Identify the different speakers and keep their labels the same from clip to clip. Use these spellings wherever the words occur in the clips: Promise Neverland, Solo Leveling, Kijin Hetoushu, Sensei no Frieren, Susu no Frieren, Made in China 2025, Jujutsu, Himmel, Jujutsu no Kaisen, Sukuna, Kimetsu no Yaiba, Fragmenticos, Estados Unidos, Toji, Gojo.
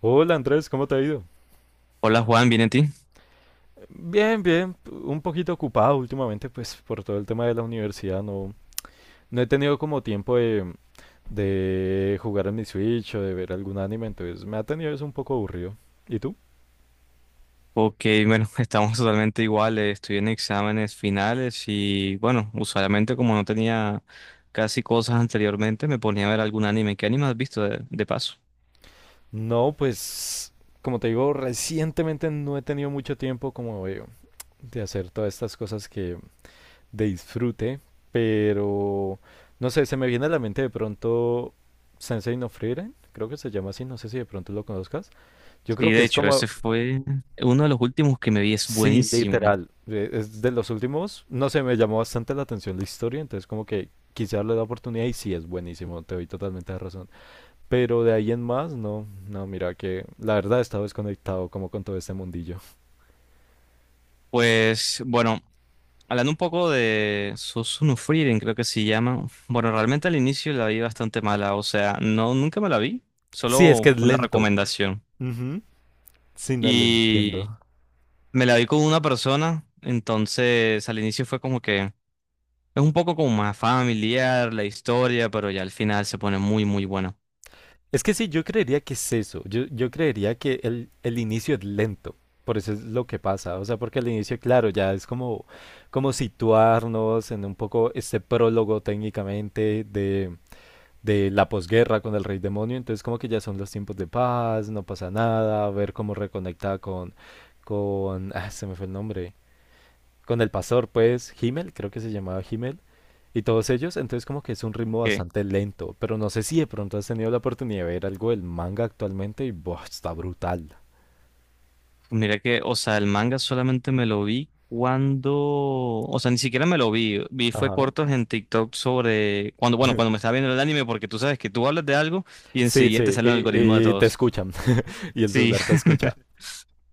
Speaker 1: Hola Andrés, ¿cómo te ha ido?
Speaker 2: Hola Juan, ¿bien en ti?
Speaker 1: Bien, bien, un poquito ocupado últimamente, pues por todo el tema de la universidad, no, no he tenido como tiempo de jugar en mi Switch o de ver algún anime, entonces me ha tenido eso un poco aburrido. ¿Y tú?
Speaker 2: Ok, bueno, estamos totalmente iguales. Estoy en exámenes finales y bueno, usualmente como no tenía casi cosas anteriormente, me ponía a ver algún anime. ¿Qué anime has visto de paso?
Speaker 1: No, pues como te digo, recientemente no he tenido mucho tiempo como de hacer todas estas cosas que de disfrute, pero no sé, se me viene a la mente de pronto Sensei no Frieren, creo que se llama así, no sé si de pronto lo conozcas. Yo
Speaker 2: Sí,
Speaker 1: creo que
Speaker 2: de
Speaker 1: es
Speaker 2: hecho,
Speaker 1: como...
Speaker 2: ese fue uno de los últimos que me vi, es buenísimo.
Speaker 1: Es de los últimos, no sé, me llamó bastante la atención la historia, entonces como que quise darle la oportunidad y sí, es buenísimo, te doy totalmente la razón. Pero de ahí en más, no, no, mira que la verdad he estado desconectado como con todo este mundillo.
Speaker 2: Pues bueno, hablando un poco de Susu no Frieren, creo que se llama. Bueno, realmente al inicio la vi bastante mala, o sea, no, nunca me la vi,
Speaker 1: Sí, es
Speaker 2: solo
Speaker 1: que es
Speaker 2: fue una
Speaker 1: lento.
Speaker 2: recomendación.
Speaker 1: Ujú. Sí, no lo entiendo.
Speaker 2: Y Me la vi con una persona, entonces al inicio fue como que es un poco como más familiar la historia, pero ya al final se pone muy, muy buena.
Speaker 1: Es que sí, yo creería que es eso. Yo creería que el inicio es lento. Por eso es lo que pasa. O sea, porque el inicio, claro, ya es como situarnos en un poco este prólogo técnicamente de la posguerra con el rey demonio, entonces como que ya son los tiempos de paz, no pasa nada, ver cómo reconecta con se me fue el nombre, con el pastor, pues, Himmel, creo que se llamaba Himmel, y todos ellos, entonces como que es un ritmo
Speaker 2: Que
Speaker 1: bastante lento, pero no sé si de pronto has tenido la oportunidad de ver algo del manga actualmente y, buah, está brutal.
Speaker 2: Mira que, o sea, el manga solamente me lo vi cuando, o sea, ni siquiera me lo vi, fue
Speaker 1: Ajá.
Speaker 2: cortos en TikTok sobre cuando, bueno, cuando me estaba viendo el anime, porque tú sabes que tú hablas de algo y
Speaker 1: Sí,
Speaker 2: enseguida te
Speaker 1: sí,
Speaker 2: sale el algoritmo de
Speaker 1: y te
Speaker 2: todos.
Speaker 1: escuchan, y el
Speaker 2: Sí.
Speaker 1: celular te escucha.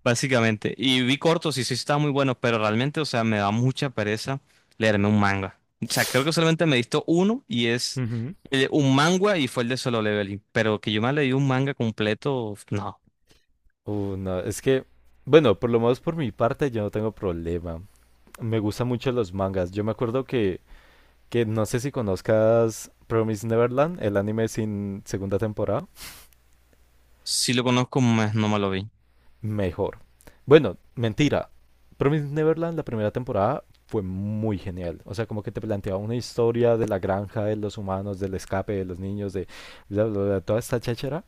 Speaker 2: Básicamente. Y vi cortos y sí estaban muy buenos, pero realmente, o sea, me da mucha pereza leerme un manga. O sea, creo que solamente me he visto uno y es
Speaker 1: Ujú.
Speaker 2: un manga y fue el de Solo Leveling. Pero que yo me leí un manga completo, no.
Speaker 1: No, es que, bueno, por lo menos por mi parte yo no tengo problema. Me gustan mucho los mangas. Yo me acuerdo que no sé si conozcas Promise Neverland, el anime sin segunda temporada.
Speaker 2: Si lo conozco, más no me lo vi.
Speaker 1: Mejor. Bueno, mentira. Promise Neverland, la primera temporada, fue muy genial. O sea, como que te planteaba una historia de la granja, de los humanos, del escape, de los niños, de bla, bla, bla, toda esta cháchara,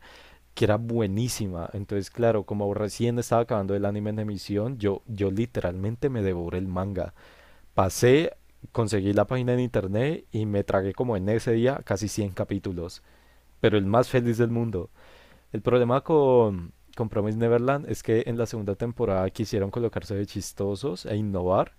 Speaker 1: que era buenísima. Entonces, claro, como recién estaba acabando el anime en emisión, yo literalmente me devoré el manga. Pasé, conseguí la página en internet y me tragué como en ese día casi 100 capítulos, pero el más feliz del mundo. El problema con Promise Neverland es que en la segunda temporada quisieron colocarse de chistosos e innovar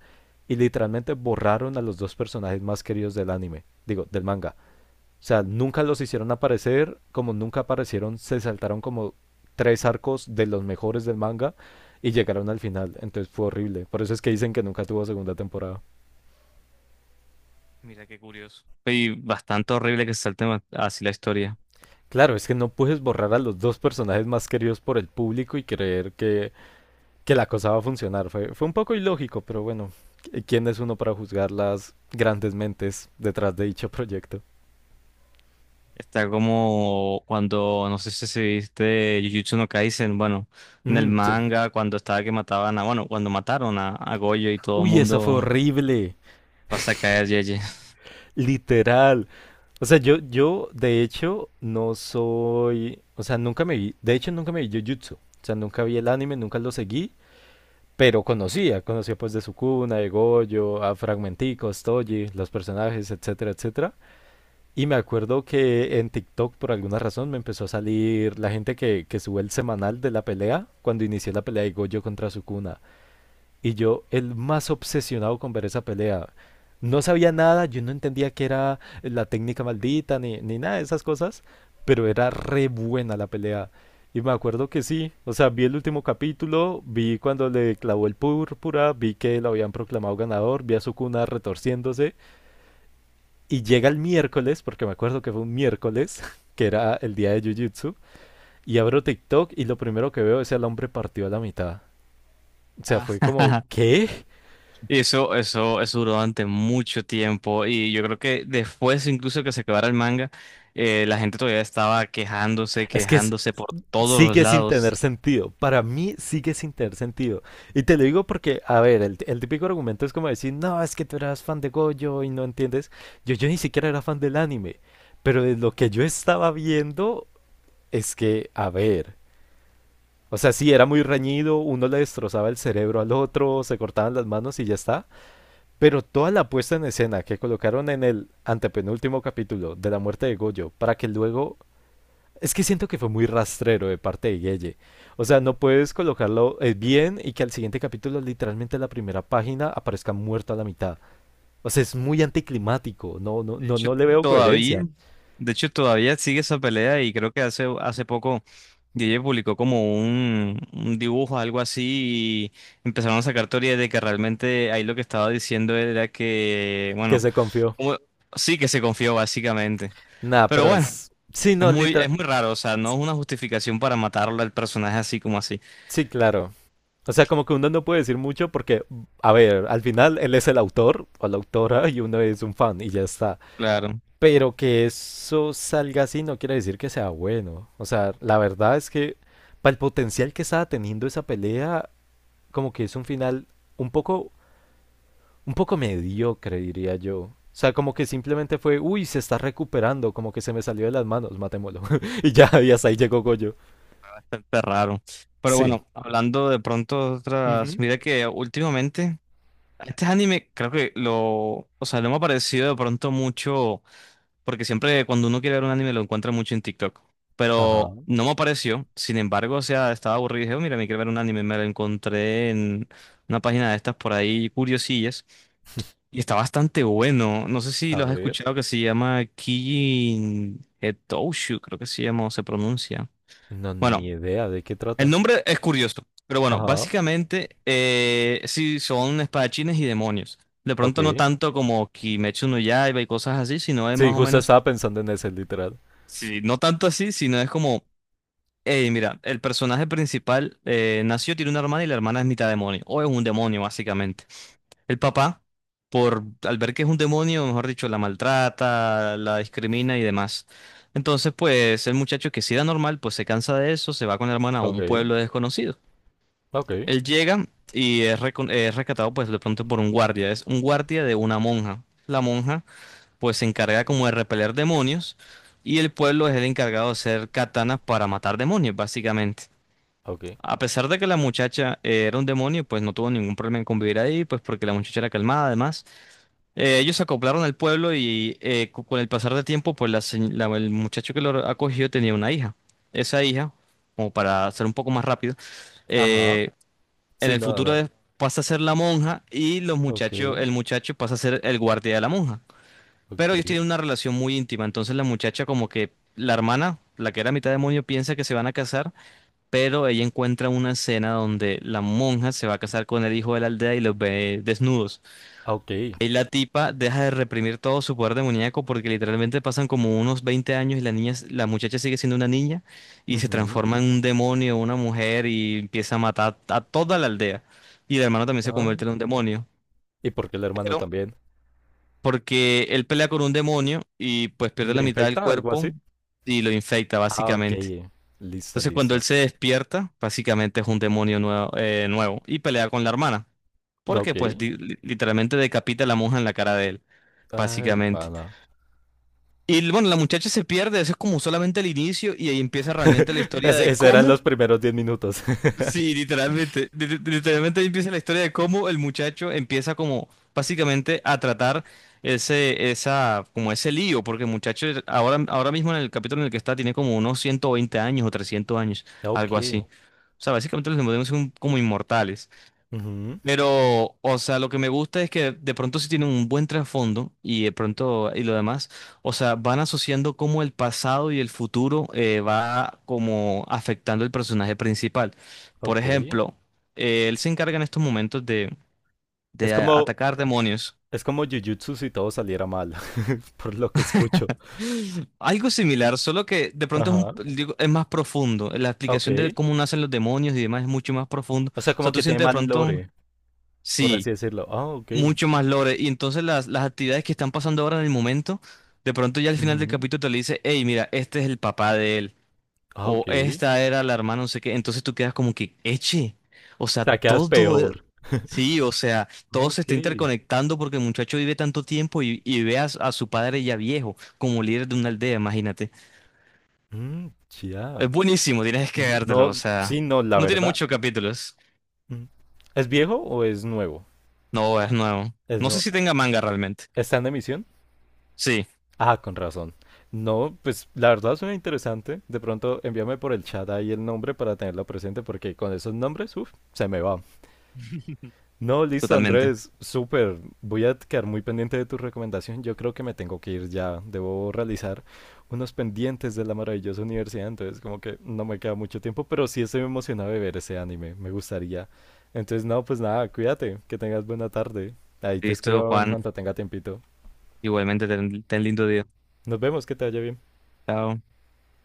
Speaker 1: y literalmente borraron a los dos personajes más queridos del anime, digo, del manga. O sea, nunca los hicieron aparecer, como nunca aparecieron, se saltaron como tres arcos de los mejores del manga y llegaron al final, entonces fue horrible. Por eso es que dicen que nunca tuvo segunda temporada.
Speaker 2: Mira qué curioso. Y bastante horrible que se salte así la historia.
Speaker 1: Claro, es que no puedes borrar a los dos personajes más queridos por el público y creer que la cosa va a funcionar. Fue un poco ilógico, pero bueno, ¿quién es uno para juzgar las grandes mentes detrás de dicho proyecto?
Speaker 2: Está como cuando, no sé si viste Jujutsu no Kaisen, bueno, en el
Speaker 1: Mm, sí.
Speaker 2: manga, cuando estaba que mataban a, bueno, cuando mataron a Gojo y todo el
Speaker 1: Uy, esa fue
Speaker 2: mundo
Speaker 1: horrible,
Speaker 2: pasa a caer, Yeye.
Speaker 1: literal. O sea, yo de hecho no soy, o sea, nunca me vi, de hecho nunca me vi Jujutsu. O sea, nunca vi el anime, nunca lo seguí, pero conocía pues de Sukuna, de Gojo, a Fragmenticos, Toji, los personajes, etcétera, etcétera. Y me acuerdo que en TikTok por alguna razón me empezó a salir la gente que sube el semanal de la pelea cuando inicié la pelea de Gojo contra Sukuna. Y yo el más obsesionado con ver esa pelea. No sabía nada, yo no entendía qué era la técnica maldita ni nada de esas cosas, pero era re buena la pelea. Y me acuerdo que sí, o sea, vi el último capítulo, vi cuando le clavó el púrpura, vi que lo habían proclamado ganador, vi a Sukuna retorciéndose y llega el miércoles, porque me acuerdo que fue un miércoles, que era el día de Jujutsu, y abro TikTok y lo primero que veo es el hombre partido a la mitad. O sea,
Speaker 2: Ah,
Speaker 1: fue como, ¿qué?
Speaker 2: y eso duró durante mucho tiempo y yo creo que después incluso que se acabara el manga, la gente todavía estaba quejándose,
Speaker 1: Es que es-
Speaker 2: quejándose por todos los
Speaker 1: Sigue sin tener
Speaker 2: lados.
Speaker 1: sentido. Para mí sigue sin tener sentido. Y te lo digo porque, a ver, el típico argumento es como decir, no, es que tú eras fan de Gojo y no entiendes. Yo ni siquiera era fan del anime. Pero de lo que yo estaba viendo es que, a ver. O sea, sí, era muy reñido, uno le destrozaba el cerebro al otro, se cortaban las manos y ya está. Pero toda la puesta en escena que colocaron en el antepenúltimo capítulo de la muerte de Goyo, para que luego. Es que siento que fue muy rastrero de parte de Guille. O sea, no puedes colocarlo bien y que al siguiente capítulo, literalmente en la primera página, aparezca muerto a la mitad. O sea, es muy anticlimático. No, no,
Speaker 2: De
Speaker 1: no,
Speaker 2: hecho,
Speaker 1: no le veo
Speaker 2: todavía,
Speaker 1: coherencia.
Speaker 2: todavía sigue esa pelea y creo que hace poco DJ publicó como un dibujo, algo así, y empezaron a sacar teorías de que realmente ahí lo que estaba diciendo era que,
Speaker 1: Que
Speaker 2: bueno,
Speaker 1: se confió.
Speaker 2: como- sí que se confió básicamente.
Speaker 1: Nah,
Speaker 2: Pero
Speaker 1: pero
Speaker 2: bueno.
Speaker 1: es. Sí,
Speaker 2: Es
Speaker 1: no,
Speaker 2: muy, es
Speaker 1: literal.
Speaker 2: muy raro, o sea, no es una justificación para matarlo al personaje así como así.
Speaker 1: Sí, claro. O sea, como que uno no puede decir mucho porque, a ver, al final él es el autor o la autora y uno es un fan y ya está.
Speaker 2: Claro,
Speaker 1: Pero que eso salga así no quiere decir que sea bueno. O sea, la verdad es que para el potencial que estaba teniendo esa pelea, como que es un final un poco, un poco, mediocre, diría yo. O sea, como que simplemente fue, uy, se está recuperando, como que se me salió de las manos, matémoslo. y ya, y hasta ahí llegó Goyo.
Speaker 2: bastante raro. Pero
Speaker 1: Sí.
Speaker 2: bueno, hablando de pronto de otras,
Speaker 1: Ujú.
Speaker 2: mira que últimamente, este anime creo que lo, o sea, no me ha parecido de pronto mucho, porque siempre cuando uno quiere ver un anime lo encuentra mucho en TikTok.
Speaker 1: Ajá,
Speaker 2: Pero no me apareció, sin embargo, o sea, estaba aburrido y dije: "Oh, mira, me quiero ver un anime", me lo encontré en una página de estas por ahí, curiosillas. Y está bastante bueno. No sé si
Speaker 1: a
Speaker 2: lo has
Speaker 1: ver.
Speaker 2: escuchado, que se llama Kijin Hetoushu, creo que se llama o se pronuncia.
Speaker 1: No, ni
Speaker 2: Bueno,
Speaker 1: idea de qué
Speaker 2: el
Speaker 1: trata.
Speaker 2: nombre es curioso, pero bueno,
Speaker 1: Ajá.
Speaker 2: básicamente sí son espadachines y demonios. De pronto no
Speaker 1: Ok.
Speaker 2: tanto como Kimetsu no Yaiba y cosas así, sino es más
Speaker 1: Sí,
Speaker 2: o
Speaker 1: justo
Speaker 2: menos,
Speaker 1: estaba pensando en ese, literal.
Speaker 2: sí, no tanto así, sino es como, hey, mira, el personaje principal nació, tiene una hermana y la hermana es mitad demonio, o es un demonio básicamente. El papá, por al ver que es un demonio, mejor dicho, la maltrata, la discrimina y demás. Entonces, pues el muchacho que sí era normal, pues se cansa de eso, se va con la hermana a
Speaker 1: Ok,
Speaker 2: un pueblo desconocido.
Speaker 1: ok,
Speaker 2: Él llega y es rescatado, pues de pronto por un guardia. Es un guardia de una monja. La monja, pues se encarga como de repeler demonios, y el pueblo es el encargado de hacer katanas para matar demonios, básicamente.
Speaker 1: ok.
Speaker 2: A pesar de que la muchacha era un demonio, pues no tuvo ningún problema en convivir ahí, pues porque la muchacha era calmada, además. Ellos se acoplaron al pueblo y con el pasar del tiempo, pues el muchacho que lo acogió tenía una hija. Esa hija, como para ser un poco más rápido,
Speaker 1: Ajá.
Speaker 2: eh, en
Speaker 1: Sí,
Speaker 2: el
Speaker 1: no,
Speaker 2: futuro
Speaker 1: no.
Speaker 2: pasa a ser la monja, y los
Speaker 1: Ok,
Speaker 2: muchachos, el muchacho pasa a ser el guardia de la monja. Pero ellos
Speaker 1: ok,
Speaker 2: tienen una relación muy íntima, entonces la muchacha, como que la hermana, la que era mitad demonio, piensa que se van a casar, pero ella encuentra una escena donde la monja se va a casar con el hijo de la aldea y los ve desnudos.
Speaker 1: ah, ok.
Speaker 2: Ahí la tipa deja de reprimir todo su poder demoníaco, porque literalmente pasan como unos 20 años y la niña, la muchacha sigue siendo una niña, y se
Speaker 1: Ujú.
Speaker 2: transforma en un demonio, una mujer, y empieza a matar a toda la aldea. Y el hermano también se
Speaker 1: Ah,
Speaker 2: convierte en un demonio.
Speaker 1: ¿y por qué el hermano
Speaker 2: Pero
Speaker 1: también?
Speaker 2: porque él pelea con un demonio y pues pierde la
Speaker 1: ¿Le
Speaker 2: mitad del
Speaker 1: infecta algo
Speaker 2: cuerpo
Speaker 1: así?
Speaker 2: y lo infecta
Speaker 1: Ah, ok.
Speaker 2: básicamente.
Speaker 1: Listo,
Speaker 2: Entonces cuando él
Speaker 1: listo.
Speaker 2: se despierta, básicamente es un demonio nuevo y pelea con la hermana, porque
Speaker 1: Ok.
Speaker 2: pues literalmente decapita a la monja en la cara de él,
Speaker 1: Ay,
Speaker 2: básicamente.
Speaker 1: pana.
Speaker 2: Y bueno, la muchacha se pierde. Eso es como solamente el inicio y ahí empieza realmente la historia
Speaker 1: Es-
Speaker 2: de
Speaker 1: Esos eran
Speaker 2: cómo,
Speaker 1: los primeros 10 minutos.
Speaker 2: sí, literalmente, literalmente ahí empieza la historia de cómo el muchacho empieza como básicamente a tratar como ese lío, porque el muchacho ahora mismo en el capítulo en el que está tiene como unos 120 años o 300 años, algo
Speaker 1: Ok.
Speaker 2: así. O sea, básicamente los demonios son como inmortales.
Speaker 1: Ujú.
Speaker 2: Pero, o sea, lo que me gusta es que de pronto sí tienen un buen trasfondo y de pronto y lo demás, o sea, van asociando cómo el pasado y el futuro va como afectando el personaje principal. Por
Speaker 1: Ok.
Speaker 2: ejemplo, él se encarga en estos momentos
Speaker 1: Es como,
Speaker 2: atacar demonios.
Speaker 1: es como Jujutsu si todo saliera mal, por lo que escucho.
Speaker 2: Algo similar, solo que de pronto
Speaker 1: Ajá.
Speaker 2: digo, es más profundo. La
Speaker 1: Ok.
Speaker 2: explicación de cómo nacen los demonios y demás es mucho más profundo.
Speaker 1: O sea,
Speaker 2: O
Speaker 1: como
Speaker 2: sea, tú
Speaker 1: que tiene
Speaker 2: sientes de
Speaker 1: mal
Speaker 2: pronto,
Speaker 1: lore, por
Speaker 2: sí,
Speaker 1: así decirlo. Ah, ok.
Speaker 2: mucho más lore. Y entonces las actividades que están pasando ahora en el momento, de pronto ya al final del
Speaker 1: Ujú.
Speaker 2: capítulo te le dice: hey, mira, este es el papá de él,
Speaker 1: Ah, ok.
Speaker 2: o
Speaker 1: O
Speaker 2: esta era la hermana, no sé qué. Entonces tú quedas como que, eche. O sea,
Speaker 1: sea, quedas
Speaker 2: todo.
Speaker 1: peor.
Speaker 2: Sí, o sea, todo se
Speaker 1: Ok.
Speaker 2: está interconectando porque el muchacho vive tanto tiempo y ve a su padre ya viejo como líder de una aldea, imagínate.
Speaker 1: Mm, ya.
Speaker 2: Es buenísimo, tienes que vértelo,
Speaker 1: No,
Speaker 2: o sea,
Speaker 1: sí, no, la
Speaker 2: no tiene
Speaker 1: verdad.
Speaker 2: muchos capítulos.
Speaker 1: Mm. ¿Es viejo o es nuevo?
Speaker 2: No, es nuevo.
Speaker 1: ¿Es
Speaker 2: No sé
Speaker 1: no...
Speaker 2: si tenga manga realmente.
Speaker 1: ¿Está en emisión?
Speaker 2: Sí,
Speaker 1: Ah, con razón. No, pues la verdad suena interesante. De pronto envíame por el chat ahí el nombre para tenerlo presente porque con esos nombres, uff, se me va. No, listo,
Speaker 2: totalmente.
Speaker 1: Andrés, súper. Voy a quedar muy pendiente de tu recomendación. Yo creo que me tengo que ir ya. Debo realizar unos pendientes de la maravillosa universidad, entonces como que no me queda mucho tiempo, pero sí estoy emocionado de ver ese anime. Me gustaría. Entonces, no, pues nada, cuídate, que tengas buena tarde. Ahí te
Speaker 2: Listo,
Speaker 1: escribo en
Speaker 2: Juan.
Speaker 1: cuanto tenga tiempito.
Speaker 2: Igualmente, ten, ten lindo día.
Speaker 1: Nos vemos, que te vaya bien.
Speaker 2: Chao.